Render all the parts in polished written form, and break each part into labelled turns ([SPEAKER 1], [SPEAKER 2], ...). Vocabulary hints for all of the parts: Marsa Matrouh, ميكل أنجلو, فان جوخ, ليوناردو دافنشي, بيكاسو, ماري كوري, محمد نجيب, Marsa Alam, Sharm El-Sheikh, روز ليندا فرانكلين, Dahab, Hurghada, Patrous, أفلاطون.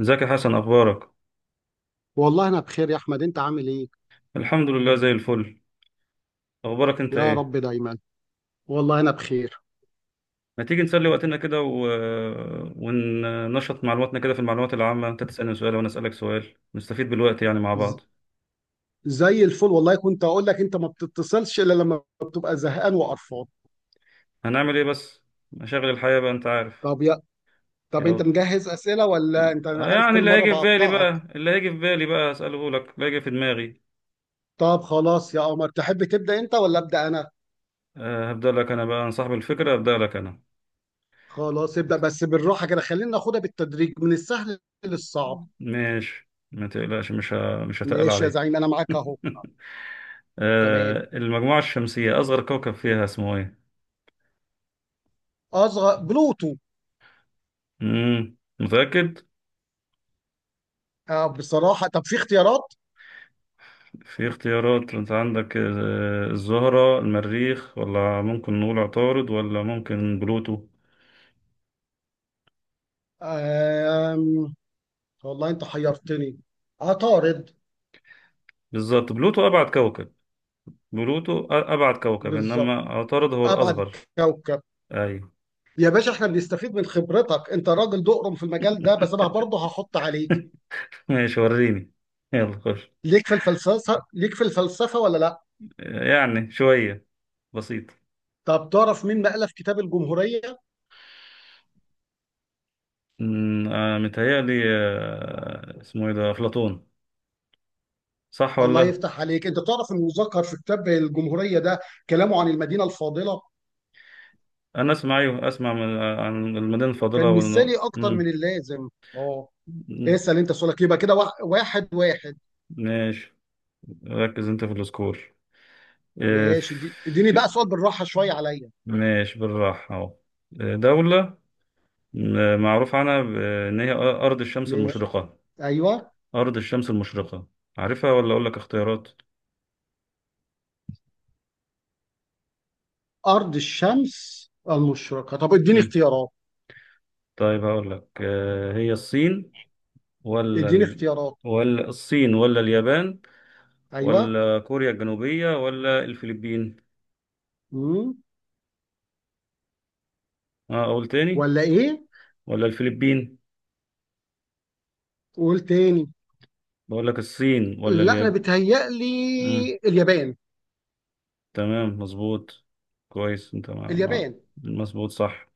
[SPEAKER 1] ازيك يا حسن؟ اخبارك؟
[SPEAKER 2] والله انا بخير يا احمد، انت عامل ايه؟
[SPEAKER 1] الحمد لله زي الفل. اخبارك انت
[SPEAKER 2] يا
[SPEAKER 1] ايه؟
[SPEAKER 2] رب دايما. والله انا بخير.
[SPEAKER 1] ما تيجي نسلي وقتنا كده وننشط معلوماتنا كده في المعلومات العامة، انت تسألني سؤال وانا اسألك سؤال، نستفيد بالوقت يعني مع
[SPEAKER 2] ز-
[SPEAKER 1] بعض.
[SPEAKER 2] زي الفل، والله كنت اقول لك انت ما بتتصلش الا لما بتبقى زهقان وقرفان.
[SPEAKER 1] هنعمل ايه بس؟ مشاغل الحياة بقى انت عارف.
[SPEAKER 2] طب يا طب انت
[SPEAKER 1] يلا،
[SPEAKER 2] مجهز اسئله ولا انت، أنا عارف
[SPEAKER 1] يعني
[SPEAKER 2] كل
[SPEAKER 1] اللي
[SPEAKER 2] مره
[SPEAKER 1] هيجي في بالي
[SPEAKER 2] بقطعك.
[SPEAKER 1] بقى اسأله لك اللي هيجي في دماغي.
[SPEAKER 2] طب خلاص يا قمر، تحب تبدا انت ولا ابدا انا؟
[SPEAKER 1] أه، هبدأ لك انا بقى، انا صاحب الفكرة هبدأ لك انا.
[SPEAKER 2] خلاص ابدا، بس بالراحه كده، خلينا ناخدها بالتدريج من السهل للصعب.
[SPEAKER 1] ماشي، ما تقلقش، مش هتقل
[SPEAKER 2] ماشي يا
[SPEAKER 1] عليك.
[SPEAKER 2] زعيم، انا معاك اهو. تمام.
[SPEAKER 1] أه، المجموعة الشمسية أصغر كوكب فيها اسمه إيه؟
[SPEAKER 2] اصغر بلوتو.
[SPEAKER 1] متأكد؟
[SPEAKER 2] آه، بصراحه. طب في اختيارات؟
[SPEAKER 1] في اختيارات انت عندك، الزهرة، المريخ، ولا ممكن نقول عطارد، ولا ممكن بلوتو.
[SPEAKER 2] آه، والله انت حيرتني. عطارد.
[SPEAKER 1] بالظبط، بلوتو أبعد كوكب. بلوتو أبعد كوكب، إنما
[SPEAKER 2] بالظبط،
[SPEAKER 1] عطارد هو
[SPEAKER 2] ابعد
[SPEAKER 1] الأصغر.
[SPEAKER 2] كوكب.
[SPEAKER 1] أي.
[SPEAKER 2] يا باشا، احنا بنستفيد من خبرتك، انت راجل دقرم في المجال ده، بس انا برضه هحط عليك.
[SPEAKER 1] ماشي، وريني. يلا خش.
[SPEAKER 2] ليك في الفلسفه، ليك في الفلسفه ولا لا؟
[SPEAKER 1] يعني شوية، بسيط.
[SPEAKER 2] طب تعرف مين ما الف كتاب الجمهوريه؟
[SPEAKER 1] أمم، آه، متهيألي، اسمه إيه ده، أفلاطون؟ صح ولا
[SPEAKER 2] الله
[SPEAKER 1] لأ؟
[SPEAKER 2] يفتح عليك، انت تعرف ان مذكر في كتاب الجمهوريه ده كلامه عن المدينه الفاضله.
[SPEAKER 1] أنا أسمع، أيوه أسمع عن المدينة الفاضلة
[SPEAKER 2] كان مثالي
[SPEAKER 1] والنو
[SPEAKER 2] اكتر من اللازم. اه.
[SPEAKER 1] مم.
[SPEAKER 2] اسال انت سؤالك، يبقى كده واحد واحد واحد.
[SPEAKER 1] ماشي، ركز انت في السكور. آه،
[SPEAKER 2] ماشي. اديني
[SPEAKER 1] في...
[SPEAKER 2] بقى سؤال بالراحه شويه عليا.
[SPEAKER 1] ماشي، بالراحة اهو. دولة معروف عنها ان هي ارض الشمس
[SPEAKER 2] ماشي،
[SPEAKER 1] المشرقة.
[SPEAKER 2] ايوه.
[SPEAKER 1] ارض الشمس المشرقة، عارفها ولا اقول لك اختيارات؟
[SPEAKER 2] أرض الشمس المشرقة، طب اديني
[SPEAKER 1] مم.
[SPEAKER 2] اختيارات.
[SPEAKER 1] طيب هقول لك، هي الصين ولا
[SPEAKER 2] اديني
[SPEAKER 1] ال...
[SPEAKER 2] اختيارات.
[SPEAKER 1] ولا الصين ولا اليابان،
[SPEAKER 2] أيوه.
[SPEAKER 1] ولا كوريا الجنوبية ولا الفلبين؟
[SPEAKER 2] مم.
[SPEAKER 1] اه، اقول تاني؟
[SPEAKER 2] ولا إيه؟
[SPEAKER 1] ولا الفلبين؟
[SPEAKER 2] قول تاني.
[SPEAKER 1] بقول لك الصين ولا
[SPEAKER 2] لا، أنا
[SPEAKER 1] اليابان؟ مم.
[SPEAKER 2] بتهيألي اليابان.
[SPEAKER 1] تمام، مظبوط. كويس انت
[SPEAKER 2] اليابان.
[SPEAKER 1] مظبوط صح.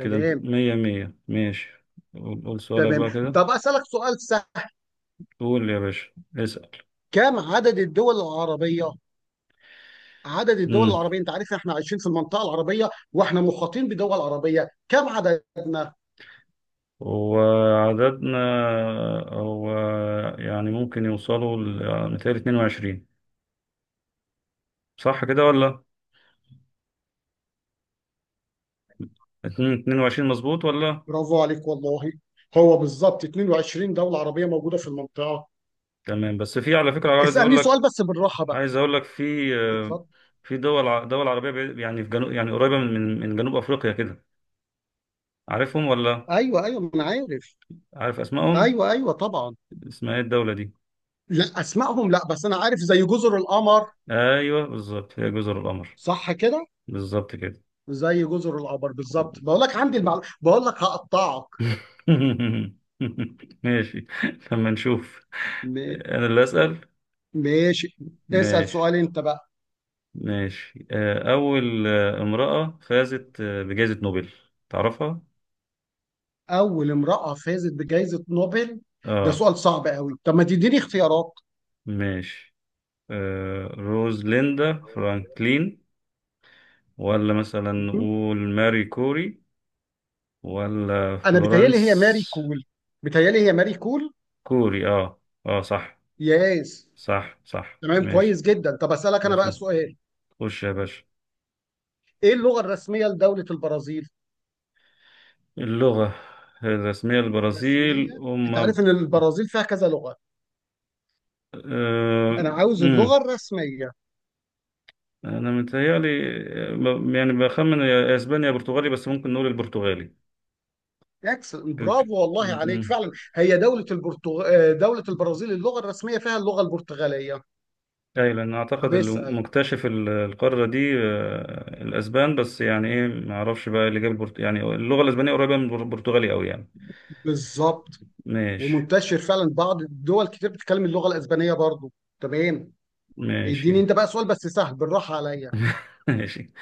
[SPEAKER 1] كده انت مية مية، ماشي. قول سؤالك
[SPEAKER 2] تمام،
[SPEAKER 1] بقى كده.
[SPEAKER 2] طب أسألك سؤال سهل.
[SPEAKER 1] قول يا باشا، اسأل.
[SPEAKER 2] كم عدد الدول العربية؟ عدد الدول
[SPEAKER 1] مم.
[SPEAKER 2] العربية، أنت عارف إحنا عايشين في المنطقة العربية، وإحنا محاطين بدول عربية، كم عددنا؟
[SPEAKER 1] وعددنا هو، يعني ممكن يوصلوا يعني متهيألي 22، صح كده ولا؟ 22 مظبوط ولا؟
[SPEAKER 2] برافو عليك والله. هو بالظبط 22 دولة عربية موجودة في المنطقة.
[SPEAKER 1] تمام، بس في على فكرة عايز اقول
[SPEAKER 2] اسألني سؤال
[SPEAKER 1] لك،
[SPEAKER 2] بس بالراحة بقى.
[SPEAKER 1] عايز اقول لك في
[SPEAKER 2] اتفضل.
[SPEAKER 1] في دول عربية يعني في جنوب، يعني قريبة من جنوب افريقيا كده، عارفهم ولا؟
[SPEAKER 2] ايوه ايوه، ما انا عارف.
[SPEAKER 1] عارف اسمائهم؟
[SPEAKER 2] ايوه ايوه طبعا.
[SPEAKER 1] اسمها ايه الدولة دي؟
[SPEAKER 2] لا، اسمائهم لا، بس انا عارف زي جزر القمر.
[SPEAKER 1] ايوه، بالظبط هي جزر القمر.
[SPEAKER 2] صح كده.
[SPEAKER 1] بالظبط كده.
[SPEAKER 2] زي جزر القمر بالظبط، بقول لك عندي المعلومه، بقول لك هقطعك.
[SPEAKER 1] ماشي، لما نشوف.
[SPEAKER 2] م...
[SPEAKER 1] انا اللي اسال.
[SPEAKER 2] ماشي. اسال سؤال
[SPEAKER 1] ماشي،
[SPEAKER 2] انت بقى.
[SPEAKER 1] ماشي. اول امرأة فازت بجائزة نوبل، تعرفها؟
[SPEAKER 2] اول امراه فازت بجائزه نوبل. ده
[SPEAKER 1] اه.
[SPEAKER 2] سؤال صعب قوي، طب ما تديني اختيارات.
[SPEAKER 1] ماشي، روز ليندا فرانكلين، ولا مثلا
[SPEAKER 2] م-
[SPEAKER 1] نقول ماري كوري، ولا
[SPEAKER 2] انا بيتهيألي هي ماري
[SPEAKER 1] فلورنس؟
[SPEAKER 2] كول. بيتهيألي هي ماري كول.
[SPEAKER 1] كوري، اه. اه صح.
[SPEAKER 2] ياس.
[SPEAKER 1] صح صح،
[SPEAKER 2] تمام كويس
[SPEAKER 1] ماشي.
[SPEAKER 2] جدا، طب اسالك
[SPEAKER 1] ده
[SPEAKER 2] انا بقى
[SPEAKER 1] شو.
[SPEAKER 2] سؤال.
[SPEAKER 1] خش يا باشا.
[SPEAKER 2] ايه اللغه الرسميه لدوله البرازيل؟
[SPEAKER 1] اللغة الرسمية للبرازيل،
[SPEAKER 2] الرسميه، انت
[SPEAKER 1] أم
[SPEAKER 2] عارف ان البرازيل فيها كذا لغه،
[SPEAKER 1] أه...
[SPEAKER 2] انا عاوز اللغه
[SPEAKER 1] مم.
[SPEAKER 2] الرسميه.
[SPEAKER 1] انا متهيألي، يعني بخمن، يا اسبانيا يا برتغالي، بس ممكن نقول البرتغالي.
[SPEAKER 2] اكسل،
[SPEAKER 1] ك- ك-
[SPEAKER 2] برافو والله عليك
[SPEAKER 1] مم.
[SPEAKER 2] فعلا، هي دوله البرتغ... آه، دوله البرازيل اللغه الرسميه فيها اللغه البرتغاليه.
[SPEAKER 1] اي، لان
[SPEAKER 2] طب
[SPEAKER 1] اعتقد اللي
[SPEAKER 2] اسال.
[SPEAKER 1] مكتشف القاره دي الاسبان، بس يعني ايه، ما اعرفش بقى اللي جاب يعني اللغه الاسبانيه قريبه من البرتغالي قوي يعني.
[SPEAKER 2] بالظبط.
[SPEAKER 1] ماشي.
[SPEAKER 2] ومنتشر فعلا بعض الدول كتير بتتكلم اللغه الاسبانيه برضو. تمام. اديني
[SPEAKER 1] ماشي.
[SPEAKER 2] انت بقى سؤال بس سهل بالراحه عليا.
[SPEAKER 1] ماشي.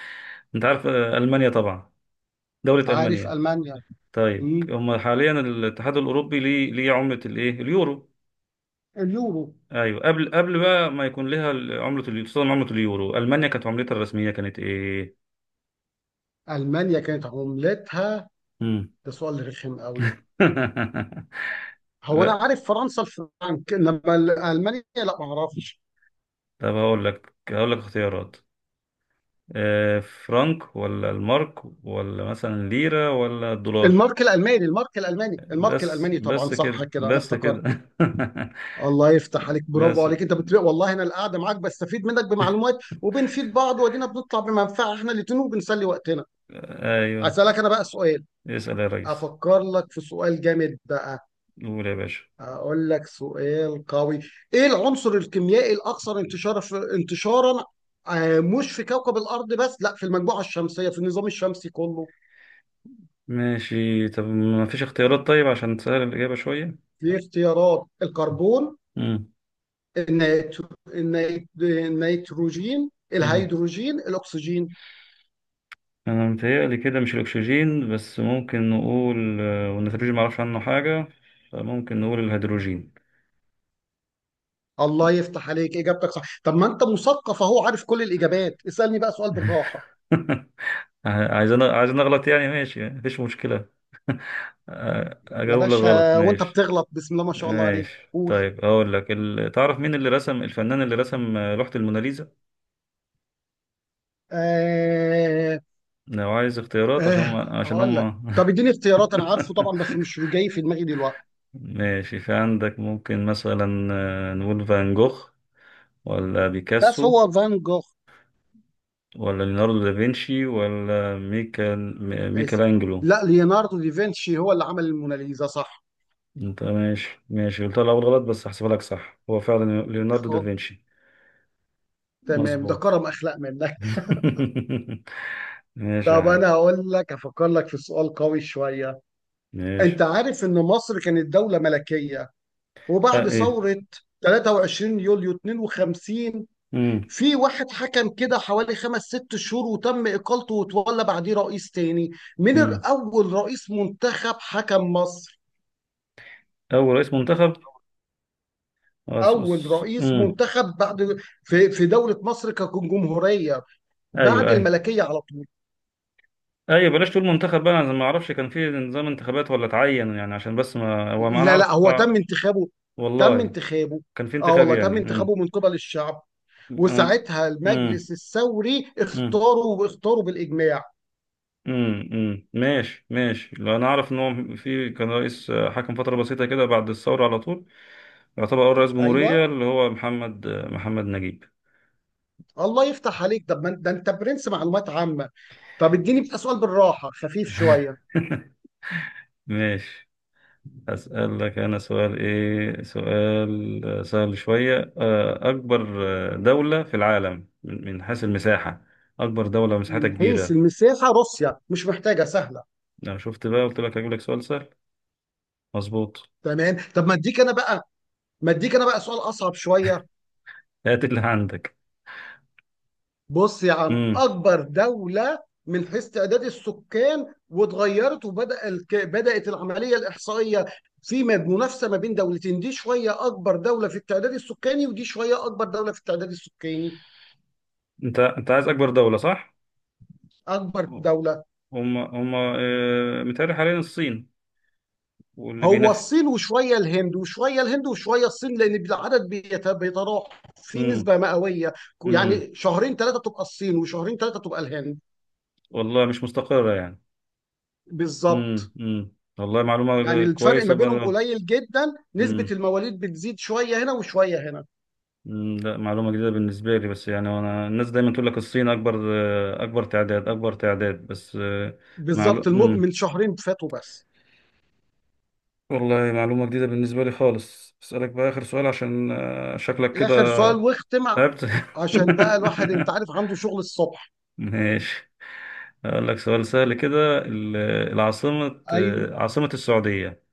[SPEAKER 1] انت عارف المانيا طبعا، دوله
[SPEAKER 2] عارف
[SPEAKER 1] المانيا؟
[SPEAKER 2] المانيا.
[SPEAKER 1] طيب
[SPEAKER 2] مم.
[SPEAKER 1] هم حاليا الاتحاد الاوروبي ليه عمله الايه اليورو؟
[SPEAKER 2] اليورو.
[SPEAKER 1] ايوه، قبل بقى ما يكون لها عمله خصوصا عمله اليورو، المانيا كانت عملتها الرسميه كانت ايه؟
[SPEAKER 2] المانيا كانت عملتها،
[SPEAKER 1] امم.
[SPEAKER 2] ده سؤال رخم قوي. هو انا
[SPEAKER 1] لا.
[SPEAKER 2] عارف فرنسا الفرنك، انما المانيا لا، ما اعرفش.
[SPEAKER 1] طب هقول لك، هقول لك اختيارات، فرانك، ولا المارك، ولا مثلا ليره، ولا الدولار؟
[SPEAKER 2] المارك الالماني، المارك الالماني، المارك الالماني طبعا، صح كده انا
[SPEAKER 1] بس
[SPEAKER 2] افتكرت.
[SPEAKER 1] كده.
[SPEAKER 2] الله يفتح عليك، برافو
[SPEAKER 1] بس.
[SPEAKER 2] عليك، انت بتلاقي والله انا القعده معاك بستفيد منك بمعلومات، وبنفيد بعض، وادينا بنطلع بمنفعه احنا الاتنين، وبنسلي وقتنا.
[SPEAKER 1] ايوه،
[SPEAKER 2] اسالك انا بقى سؤال.
[SPEAKER 1] اسال يا ريس.
[SPEAKER 2] افكر لك في سؤال جامد بقى.
[SPEAKER 1] قول يا باشا.
[SPEAKER 2] اقول لك سؤال قوي. ايه العنصر الكيميائي الاكثر انتشار في انتشارا، مش في كوكب الارض بس، لا، في المجموعه الشمسيه، في النظام الشمسي كله؟
[SPEAKER 1] ماشي، طب ما فيش اختيارات؟ طيب عشان تسهل الاجابه شويه.
[SPEAKER 2] في اختيارات: الكربون،
[SPEAKER 1] مم.
[SPEAKER 2] النيتروجين،
[SPEAKER 1] مم.
[SPEAKER 2] الهيدروجين، الاكسجين.
[SPEAKER 1] انا متهيألي كده مش الاكسجين، بس ممكن نقول والنيتروجين معرفش عنه حاجة، فممكن نقول الهيدروجين.
[SPEAKER 2] الله يفتح عليك، اجابتك صح، طب ما انت مثقف اهو، عارف كل الاجابات، اسالني بقى سؤال بالراحه.
[SPEAKER 1] عايز أنا اغلط يعني، ماشي مفيش مشكلة.
[SPEAKER 2] يا
[SPEAKER 1] اجاوب لك غلط،
[SPEAKER 2] باشا، وانت
[SPEAKER 1] ماشي.
[SPEAKER 2] بتغلط بسم الله ما شاء الله عليك،
[SPEAKER 1] ماشي،
[SPEAKER 2] قول.
[SPEAKER 1] طيب هقول لك تعرف مين اللي رسم، الفنان اللي رسم لوحة الموناليزا؟
[SPEAKER 2] آه
[SPEAKER 1] لو عايز اختيارات عشان،
[SPEAKER 2] آه،
[SPEAKER 1] عشان
[SPEAKER 2] هقول لك.
[SPEAKER 1] هم.
[SPEAKER 2] طب اديني اختيارات، انا عارفه طبعا بس مش جاي في دماغي دلوقتي.
[SPEAKER 1] ماشي، في عندك ممكن مثلا نقول فان جوخ، ولا
[SPEAKER 2] بس هو
[SPEAKER 1] بيكاسو،
[SPEAKER 2] فان جوخ.
[SPEAKER 1] ولا ليوناردو دافنشي، ولا ميكل
[SPEAKER 2] بس
[SPEAKER 1] أنجلو؟
[SPEAKER 2] لا، ليوناردو دافنشي هو اللي عمل الموناليزا، صح.
[SPEAKER 1] انت ماشي، ماشي، قلت الأول غلط بس هحسبها لك صح، هو فعلا ليوناردو
[SPEAKER 2] خب.
[SPEAKER 1] دافنشي.
[SPEAKER 2] تمام، ده
[SPEAKER 1] مظبوط.
[SPEAKER 2] كرم اخلاق منك.
[SPEAKER 1] ماشي يا
[SPEAKER 2] طب
[SPEAKER 1] حاج.
[SPEAKER 2] انا هقول لك، افكر لك في سؤال قوي شويه.
[SPEAKER 1] ماشي.
[SPEAKER 2] انت عارف ان مصر كانت دولة ملكية،
[SPEAKER 1] اه
[SPEAKER 2] وبعد
[SPEAKER 1] ايه.
[SPEAKER 2] ثورة 23 يوليو 52
[SPEAKER 1] مم.
[SPEAKER 2] في واحد حكم كده حوالي خمس ست شهور، وتم اقالته، وتولى بعديه رئيس تاني. من
[SPEAKER 1] مم.
[SPEAKER 2] اول رئيس منتخب حكم مصر؟
[SPEAKER 1] أول رئيس منتخب، آه، س-
[SPEAKER 2] اول
[SPEAKER 1] س-
[SPEAKER 2] رئيس
[SPEAKER 1] مم.
[SPEAKER 2] منتخب بعد، في دولة مصر كجمهورية، بعد
[SPEAKER 1] أيوه أيوه.
[SPEAKER 2] الملكية على طول.
[SPEAKER 1] أيوه بلاش تقول منتخب بقى، أنا ما أعرفش كان في نظام انتخابات ولا اتعين يعني، عشان بس، ما هو ما أنا
[SPEAKER 2] لا
[SPEAKER 1] أعرف
[SPEAKER 2] لا، هو تم
[SPEAKER 1] آه.
[SPEAKER 2] انتخابه. تم
[SPEAKER 1] والله.
[SPEAKER 2] انتخابه.
[SPEAKER 1] كان في
[SPEAKER 2] اه
[SPEAKER 1] انتخاب
[SPEAKER 2] والله، تم
[SPEAKER 1] يعني
[SPEAKER 2] انتخابه من قبل الشعب.
[SPEAKER 1] أنا-
[SPEAKER 2] وساعتها
[SPEAKER 1] مم.
[SPEAKER 2] المجلس الثوري
[SPEAKER 1] مم.
[SPEAKER 2] اختاروا واختاروا بالاجماع.
[SPEAKER 1] ماشي ماشي، لو انا اعرف ان هو في كان رئيس حكم فتره بسيطه كده بعد الثوره على طول، يعتبر اول رئيس
[SPEAKER 2] ايوه.
[SPEAKER 1] جمهوريه اللي هو محمد، محمد نجيب.
[SPEAKER 2] الله يفتح عليك، طب ما أنت- ده انت برنس معلومات عامه. طب اديني بقى سؤال بالراحه خفيف شويه.
[SPEAKER 1] ماشي. هسأل لك انا سؤال، ايه سؤال، سهل شويه، اكبر دوله في العالم من حيث المساحه؟ اكبر دوله مساحتها
[SPEAKER 2] من حيث
[SPEAKER 1] كبيره؟
[SPEAKER 2] المساحه روسيا، مش محتاجه سهله.
[SPEAKER 1] انا شفت بقى قلت لك هجيب لك سؤال سهل. مظبوط.
[SPEAKER 2] تمام، طب ما اديك انا بقى سؤال اصعب شويه.
[SPEAKER 1] هات اللي عندك.
[SPEAKER 2] بص يا عم،
[SPEAKER 1] امم.
[SPEAKER 2] اكبر دولة من حيث تعداد السكان واتغيرت، وبدأ بدأت العملية الإحصائية في منافسة ما بين دولتين، دي شوية أكبر دولة في التعداد السكاني، ودي شوية أكبر دولة في التعداد السكاني.
[SPEAKER 1] انت عايز اكبر دوله صح؟
[SPEAKER 2] أكبر دولة.
[SPEAKER 1] هم هم متهيألي حاليا الصين، واللي
[SPEAKER 2] هو
[SPEAKER 1] بينفي.
[SPEAKER 2] الصين وشوية الهند وشوية الهند وشوية الصين، لأن العدد بيتراوح في
[SPEAKER 1] امم
[SPEAKER 2] نسبة مئوية.
[SPEAKER 1] امم
[SPEAKER 2] يعني شهرين ثلاثة تبقى الصين، وشهرين ثلاثة تبقى الهند.
[SPEAKER 1] والله مش مستقرة يعني.
[SPEAKER 2] بالظبط.
[SPEAKER 1] امم، والله
[SPEAKER 2] يعني
[SPEAKER 1] معلومة
[SPEAKER 2] الفرق
[SPEAKER 1] كويسة
[SPEAKER 2] ما بينهم
[SPEAKER 1] برضه.
[SPEAKER 2] قليل جدا، نسبة
[SPEAKER 1] امم.
[SPEAKER 2] المواليد بتزيد شوية هنا وشوية هنا.
[SPEAKER 1] لا معلومة جديدة بالنسبة لي، بس يعني أنا الناس دايما تقول لك الصين أكبر، أكبر تعداد، بس. آه، معلو...
[SPEAKER 2] بالظبط،
[SPEAKER 1] أمم.
[SPEAKER 2] من شهرين فاتوا بس.
[SPEAKER 1] والله معلومة جديدة بالنسبة لي خالص. أسألك بقى آخر سؤال عشان شكلك كده
[SPEAKER 2] آخر سؤال واختم،
[SPEAKER 1] تعبت.
[SPEAKER 2] عشان بقى الواحد أنت عارف عنده شغل الصبح.
[SPEAKER 1] ماشي. أقول لك سؤال سهل كده، العاصمة،
[SPEAKER 2] أيوه.
[SPEAKER 1] عاصمة السعودية؟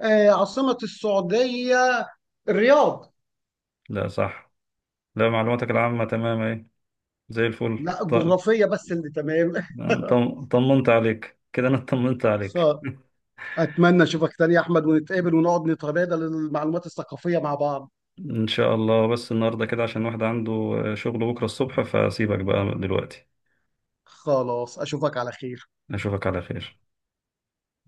[SPEAKER 2] آه، عاصمة السعودية. الرياض.
[SPEAKER 1] لا، صح. لا معلوماتك العامة تمام اهي، زي الفل.
[SPEAKER 2] لا، الجغرافية بس اللي تمام.
[SPEAKER 1] طمنت عليك كده، أنا طمنت عليك.
[SPEAKER 2] خ- أتمنى أشوفك تاني يا أحمد، ونتقابل ونقعد نتبادل المعلومات الثقافية مع بعض.
[SPEAKER 1] إن شاء الله. بس النهاردة كده عشان واحد عنده شغل بكرة الصبح، فسيبك بقى دلوقتي.
[SPEAKER 2] خلاص، أشوفك على خير.
[SPEAKER 1] أشوفك على خير.